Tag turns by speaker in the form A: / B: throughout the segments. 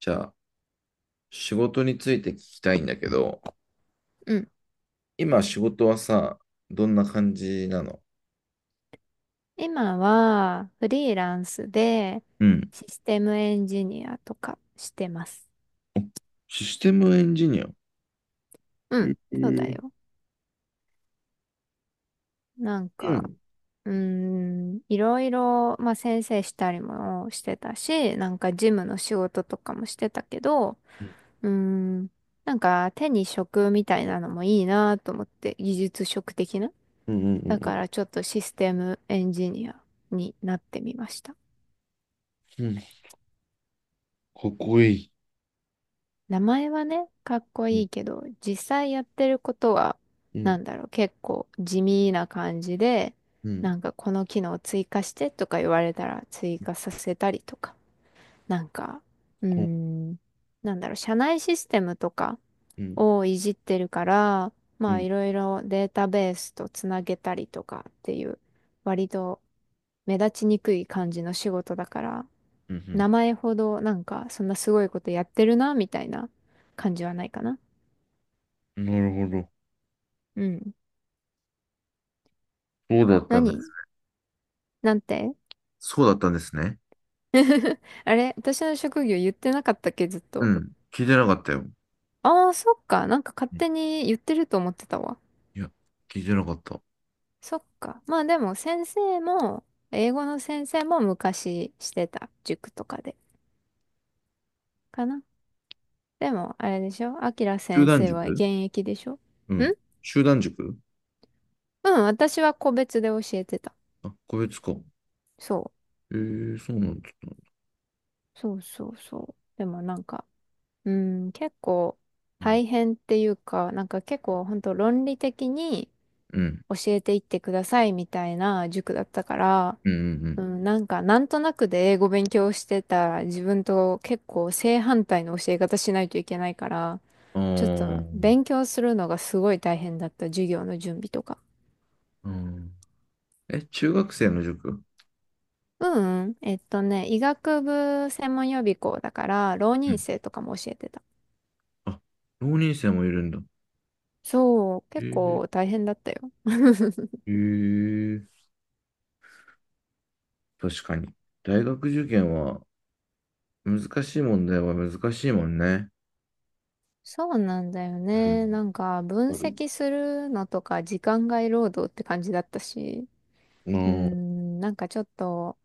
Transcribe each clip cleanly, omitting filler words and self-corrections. A: じゃあ、仕事について聞きたいんだけど、
B: うん。
A: 今仕事はさ、どんな感じなの？
B: 今はフリーランスで
A: うん。
B: システムエンジニアとかしてます。
A: システムエンジニア。
B: うん。
A: え
B: そうだ
A: ー、
B: よ。なん
A: う
B: か、
A: ん。
B: いろいろ、まあ先生したりもしてたし、なんか事務の仕事とかもしてたけど、
A: うん
B: うーん、なんか手に職みたいなのもいいなと思って、技術職的な。
A: うんうん。
B: だ
A: う
B: か
A: ん
B: らちょっとシステムエンジニアになってみました。
A: うんうん。かっこいい。
B: 名前はね、かっこ
A: う
B: い
A: ん
B: いけど、実際やってることは、
A: うん。
B: なんだろう、結構地味な感じで、
A: うん
B: なんかこの機能追加してとか言われたら追加させたりとか、なんか、うー
A: うん
B: ん、なんだろう、社内システムとか
A: うん
B: をいじってるから、
A: う
B: まあ
A: ん。
B: いろいろデータベースとつなげたりとかっていう、割と目立ちにくい感じの仕事だから、
A: うん
B: 名前ほどなんかそんなすごいことやってるな、みたいな感じはないかな。
A: うん。なるほど。
B: うん。
A: そうだったんで
B: 何
A: す。
B: なんて
A: そうだったんですね。
B: あれ私の職業言ってなかったっけ、ずっ
A: う
B: と。
A: ん。聞いてなかったよ。
B: ああ、そっか。なんか勝
A: うん。
B: 手に言ってると思ってたわ。
A: いや、聞いてなかった。
B: そっか。まあでも先生も、英語の先生も昔してた。塾とかで。かな。でも、あれでしょあきら
A: 集
B: 先
A: 団
B: 生
A: 塾。
B: は現役でしょん。
A: うん。集団塾。
B: うん、私は個別で教えてた。
A: あ、個別か。
B: そ
A: えー、そうなんだ。
B: う。そうそうそう。でもなんか、うん、結構
A: うん
B: 大変っていうか、なんか結構本当論理的に
A: うん。
B: 教えていってくださいみたいな塾だったから、
A: うんうん。
B: うん、なんかなんとなくで英語勉強してた自分と結構正反対の教え方しないといけないから、
A: あ
B: ちょっと
A: ー。
B: 勉強するのがすごい大変だった、授業の準備とか。
A: うん。え、中学生の塾？
B: 医学部専門予備校だから、浪
A: う
B: 人
A: ん。
B: 生とかも教えてた。
A: あ、浪人生もいるんだ。
B: そう、
A: え
B: 結
A: ー、
B: 構大変だったよ。
A: えー、確かに。大学受験は難しい問題は難しいもんね。
B: そうなんだよ
A: うん。
B: ね。なんか、分
A: わかる。
B: 析するのとか、時間外労働って感じだったし、
A: ああ、
B: なんかちょっと、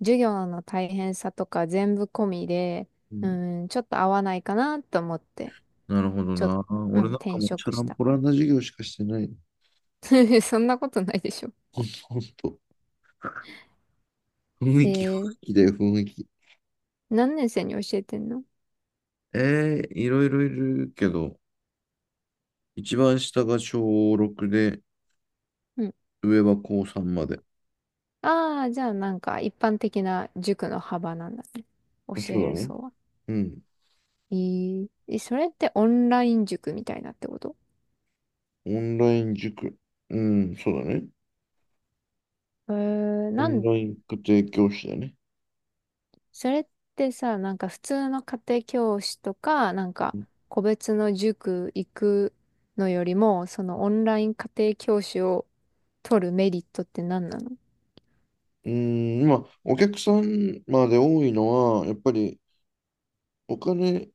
B: 授業の大変さとか全部込みで、
A: うん。
B: ちょっと合わないかなと思って、
A: なるほど
B: ちょっと、
A: な。
B: うん、
A: 俺なんか
B: 転
A: もうチャ
B: 職
A: ラ
B: し
A: ン
B: た。
A: ポランな授業しかしてない。
B: そんなことないでしょ。
A: ほんと、ほんと。雰
B: え
A: 囲気、雰囲
B: ー、
A: 気だよ、雰囲気。
B: 何年生に教えてんの？
A: ええ、いろいろいるけど、一番下が小6で、
B: うん。
A: 上は高3まで。
B: ああ、じゃあなんか一般的な塾の幅なんだね。教
A: そう
B: え
A: な
B: る
A: の？
B: 層は。
A: うん。
B: えーえそれってオンライン塾みたいなってこと？
A: オンライン塾。うん、そうだね。
B: えー、
A: オ
B: な
A: ン
B: ん、
A: ライン家庭教師だね。
B: それってさ、なんか普通の家庭教師とか、なんか個別の塾行くのよりも、そのオンライン家庭教師を取るメリットって何なの？
A: うん、まあ、お客さんまで多いのは、やっぱりお金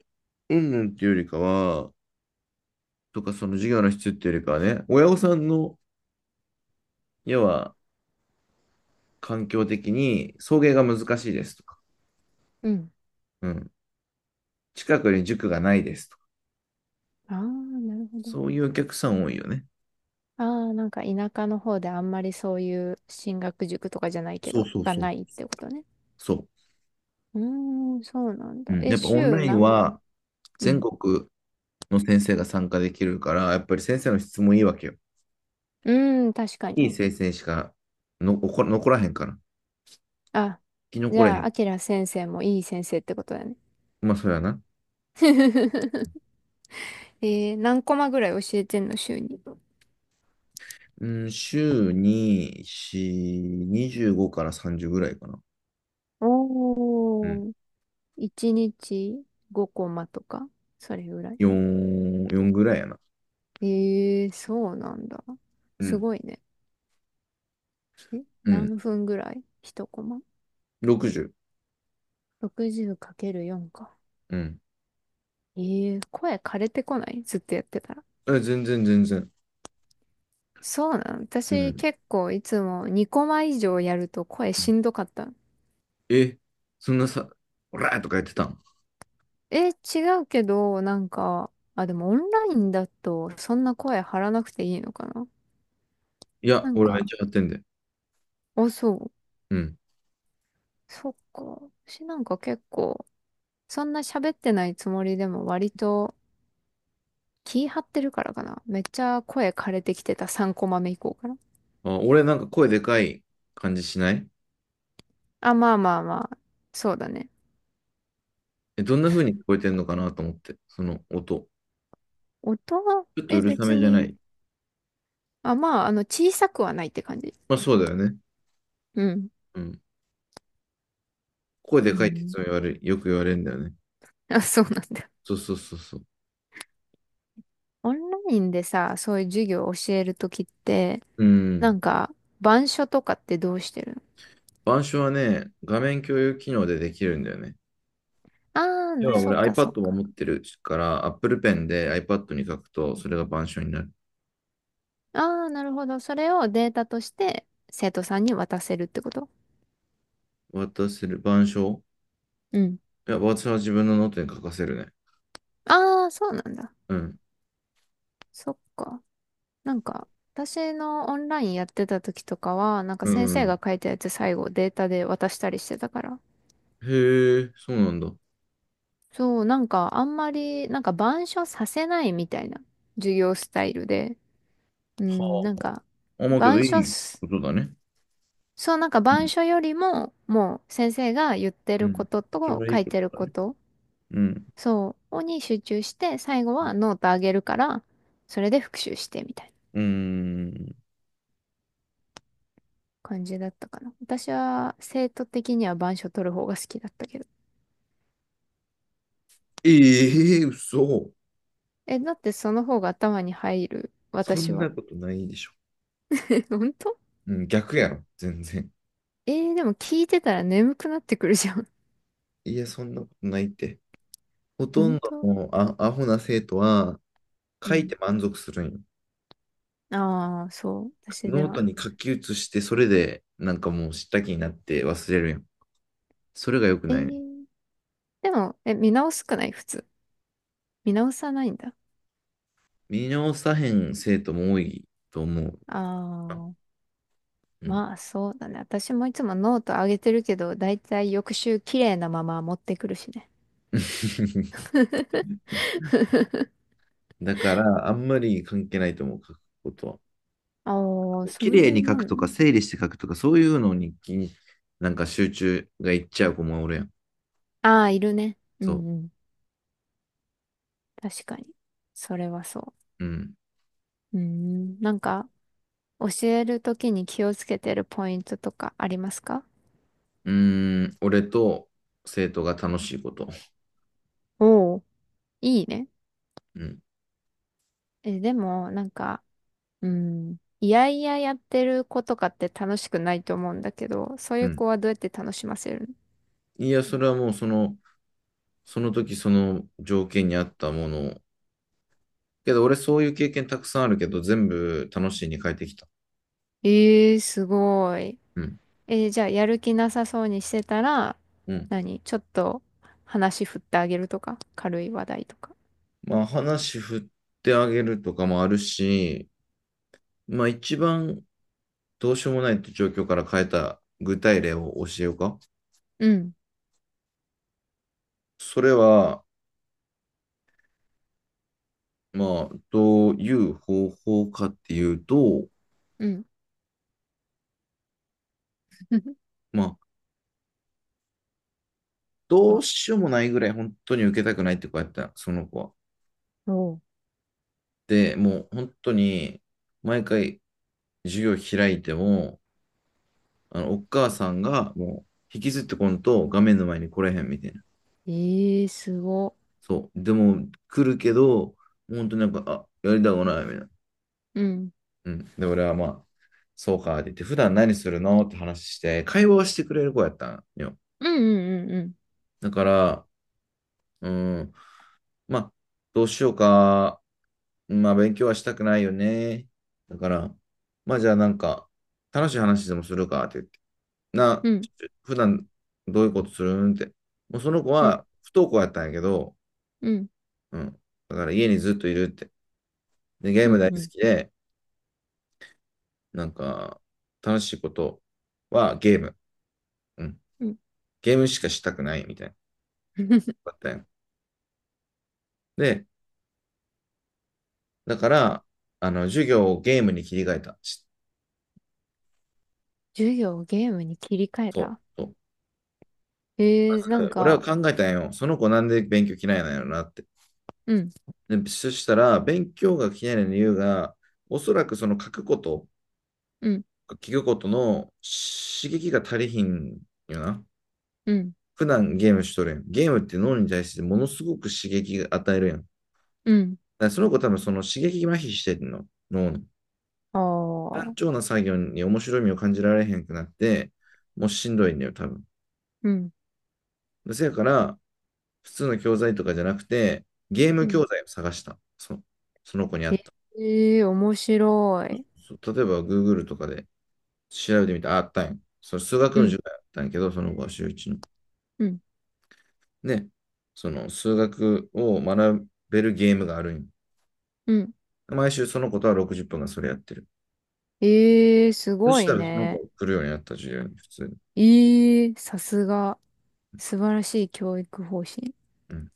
A: 云々っていうよりかは、とかその事業の質っていうよりかはね、親御さんの、要は環境的に送迎が難しいですとか、
B: うん。
A: うん、近くに塾がないですとか、
B: ああ、なるほど。
A: そういうお客さん多いよね。
B: ああ、なんか田舎の方であんまりそういう進学塾とかじゃないけ
A: そう
B: ど、
A: そう
B: が
A: そう。
B: ないってことね。
A: そう。
B: うーん、そうなん
A: う
B: だ。
A: ん、
B: え、
A: やっぱオン
B: 週
A: ライン
B: 何、
A: は
B: う
A: 全
B: ん。
A: 国の先生が参加できるから、やっぱり先生の質もいいわけよ。
B: うーん、確か
A: いい
B: に。
A: 生成しかの残らへんから。
B: あ、
A: 生き
B: じ
A: 残れへ
B: ゃあ、
A: ん。
B: あきら先生もいい先生ってことだね。
A: まあ、それはな。
B: えー、何コマぐらい教えてんの、週に。
A: うん、週に、4、25から30ぐらいかな。うん。
B: おー。1日5コマとか、それぐらい。
A: 4、4ぐらいやな。
B: えー、そうなんだ。
A: う
B: す
A: ん。
B: ごいね。え、
A: うん。
B: 何分ぐらい？ 1 コマ。
A: 60。
B: 60×4 かけるよんか。
A: うん。
B: えー、声枯れてこないずっとやってたら。
A: え、全然全然。
B: そうなの。
A: う
B: 私
A: ん。
B: 結構いつも2コマ以上やると声しんどかったの。
A: え、そんなさ、オラーとか言ってたん？
B: え、違うけど、なんか、あ、でもオンラインだとそんな声張らなくていいのかな。
A: いや、
B: なん
A: 俺めっ
B: か、
A: ちゃやってんで。
B: あ、そう。
A: うん。
B: そっか。私なんか結構、そんな喋ってないつもりでも割と気張ってるからかな。めっちゃ声枯れてきてた3コマ目以降から。
A: あ、俺なんか声でかい感じしない？
B: あ、まあまあまあ。そうだね。
A: え、どんな風に聞こえてんのかなと思って、その音。
B: 音は、
A: ちょっと
B: え、
A: うるさ
B: 別
A: めじゃな
B: に、
A: い？
B: あ、まあ、あの、小さくはないって感じ。
A: まあそうだよね。
B: うん。
A: うん。声
B: う
A: でかいっていつ
B: ん。
A: も言われ、よく言われるんだよね。
B: あ、そうなんだ。
A: そうそうそうそう。
B: オンラインでさ、そういう授業を教えるときって、
A: う
B: な
A: ん。
B: んか、板書とかってどうしてるの？
A: 板書はね、画面共有機能でできるんだよね。
B: ああー、
A: 要
B: な
A: は
B: そ
A: 俺
B: っかそっ
A: iPad も持
B: か。
A: ってるから、Apple Pen で iPad に書くと、それが板書になる。
B: ああ、なるほど。それをデータとして生徒さんに渡せるってこと？
A: 渡せる板書？
B: うん。
A: いや、私は自分のノートに書かせるね。
B: ああ、そうなんだ。
A: うん。
B: そっか。なんか、私のオンラインやってた時とかは、なんか
A: う
B: 先
A: んう
B: 生
A: ん。
B: が書いたやつ最後データで渡したりしてたから。
A: へえ、そうなんだ。は
B: そう、なんかあんまり、なんか板書させないみたいな授業スタイルで。うん、なんか、
A: あ。思うけどい
B: 板書
A: い
B: す、
A: ことだね。
B: そう、なんか
A: う
B: 板
A: ん。
B: 書よりも、もう先生が言って
A: う
B: るこ
A: ん。
B: と
A: それ
B: と
A: はい
B: 書
A: い
B: い
A: こ
B: てる
A: とだ
B: こ
A: ね。
B: と、
A: うん。
B: そう、に集中して、最後はノートあげるから、それで復習してみたいな。
A: うーん。
B: 感じだったかな。私は生徒的には板書取る方が好きだったけど。
A: ええ、嘘。
B: え、だってその方が頭に入る、
A: そ
B: 私
A: ん
B: は。
A: なことないでしょ。
B: え、本当？
A: うん、逆やろ、全然。
B: えー、でも聞いてたら眠くなってくるじゃん。
A: いや、そんなことないって。ほ とん
B: 本
A: ど
B: 当？
A: のアホな生徒は
B: う
A: 書い
B: ん。
A: て満足するんよ。
B: ああ、そう。私で
A: ノート
B: は。
A: に書き写して、それでなんかもう知った気になって忘れるやんよ。それが良く
B: え
A: ないね。
B: ー、でも、え、見直すくない普通。見直さないんだ。
A: 見直さへん生徒も多いと思う
B: あ
A: な。
B: あ、
A: うん。
B: まあそうだね。私もいつもノート上げてるけど、だいたい翌週綺麗なまま持ってくるしね。
A: だから、あんまり関係ないと思う、書くこと
B: ああ、
A: は。
B: そ
A: 綺
B: うい
A: 麗
B: う
A: に書
B: も
A: く
B: ん
A: とか、
B: ね。
A: 整理して書くとか、そういうのになんか集中がいっちゃう子もおるやん。
B: ああ、いるね。う
A: そ
B: んうん。確かに。それはそ
A: う。うん。
B: う。うーん。なんか、教えるときに気をつけてるポイントとかありますか？
A: うーん、俺と生徒が楽しいこと。
B: おおー。いいね。
A: うん。
B: え、でも、なんか、うん。いやいややってる子とかって楽しくないと思うんだけど、そうい
A: う
B: う
A: ん。
B: 子はどうやって楽しませるの？
A: いや、それはもうその時その条件に合ったものを。けど俺そういう経験たくさんあるけど、全部楽しいに変えてきた。
B: ええー、すごい。
A: うん。
B: えーじゃあ、やる気なさそうにしてたら、
A: うん。
B: 何ちょっと話振ってあげるとか軽い話題とか。
A: まあ話振ってあげるとかもあるし、まあ一番どうしようもないって状況から変えた具体例を教えようか。
B: うん。
A: それは、まあ、どういう方法かっていうと、
B: うん。
A: まあ、どう
B: あ
A: しようもないぐらい本当に受けたくないって子やった、その子は。
B: おう
A: で、もう本当に毎回授業開いても、お母さんがもう引きずってこんと画面の前に来れへんみたいな。
B: ええー、すご。
A: そう。でも来るけど、本当になんか、あ、やりたくないみたいな。
B: うん。
A: うん。で、俺はまあ、そうかって言って、普段何するのって話して、会話をしてくれる子やったんよ。
B: うんうんうん
A: だから、うん、まあ、どうしようか。まあ、勉強はしたくないよね。だから、まあ、じゃあなんか、楽しい話でもするかって言って。な、
B: うん。
A: 普段どういうことするんって。もうその子
B: うん
A: は不登校やったんやけど、
B: うん
A: うん。だから家にずっといるって。で、ゲー
B: うんう
A: ム大好
B: ん
A: きで、なんか、楽しいことはゲーム。うん。
B: うん。
A: ゲームしかしたくないみたいな。
B: うん
A: だったんや。で、だから、授業をゲームに切り替えた。
B: 授業をゲームに切り替え
A: そ
B: た。
A: う。そう。
B: ええー、なん
A: 俺は
B: か、
A: 考えたんよ。その子なんで勉強嫌いなんやろなって。
B: うん
A: で、そしたら、勉強が嫌いな理由が、おそらくその書くこと、
B: うん
A: 聞くことの刺激が足りひんよな。
B: うん
A: 普段ゲームしとるやん。ゲームって脳に対してものすごく刺激が与えるやん。だ
B: うん。
A: からその子多分その刺激麻痺してんの、脳の。
B: あ
A: 単
B: あ、
A: 調な作業に面白みを感じられへんくなって、もうしんどいんだよ、多分。
B: うん
A: せやから、普通の教材とかじゃなくて、ゲーム
B: う
A: 教
B: ん。
A: 材を探した。その子にあった。
B: ええー、面白い。
A: 例えば、Google とかで調べてみたらあったんよ。その数学
B: う
A: の
B: ん
A: 授業やったんやけど、その5週1の。
B: うん
A: で、その数学を学べるゲームがあるんよ。
B: うん。
A: 毎週その子とは60分がそれやってる。
B: ええー、す
A: そ
B: ご
A: した
B: い
A: らその子
B: ね。
A: が来るようになった授業に、普通に。
B: ええー、さすが。素晴らしい教育方針。
A: うん。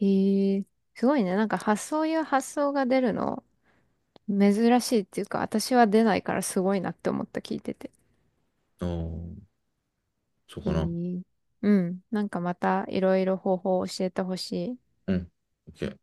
B: ええー、すごいね。なんか発想いう発想が出るの。珍しいっていうか、私は出ないからすごいなって思った、聞いてて。
A: ああ、そう
B: へ
A: かな。
B: え。うん。なんかまたいろいろ方法を教えてほしい。
A: うん。OK。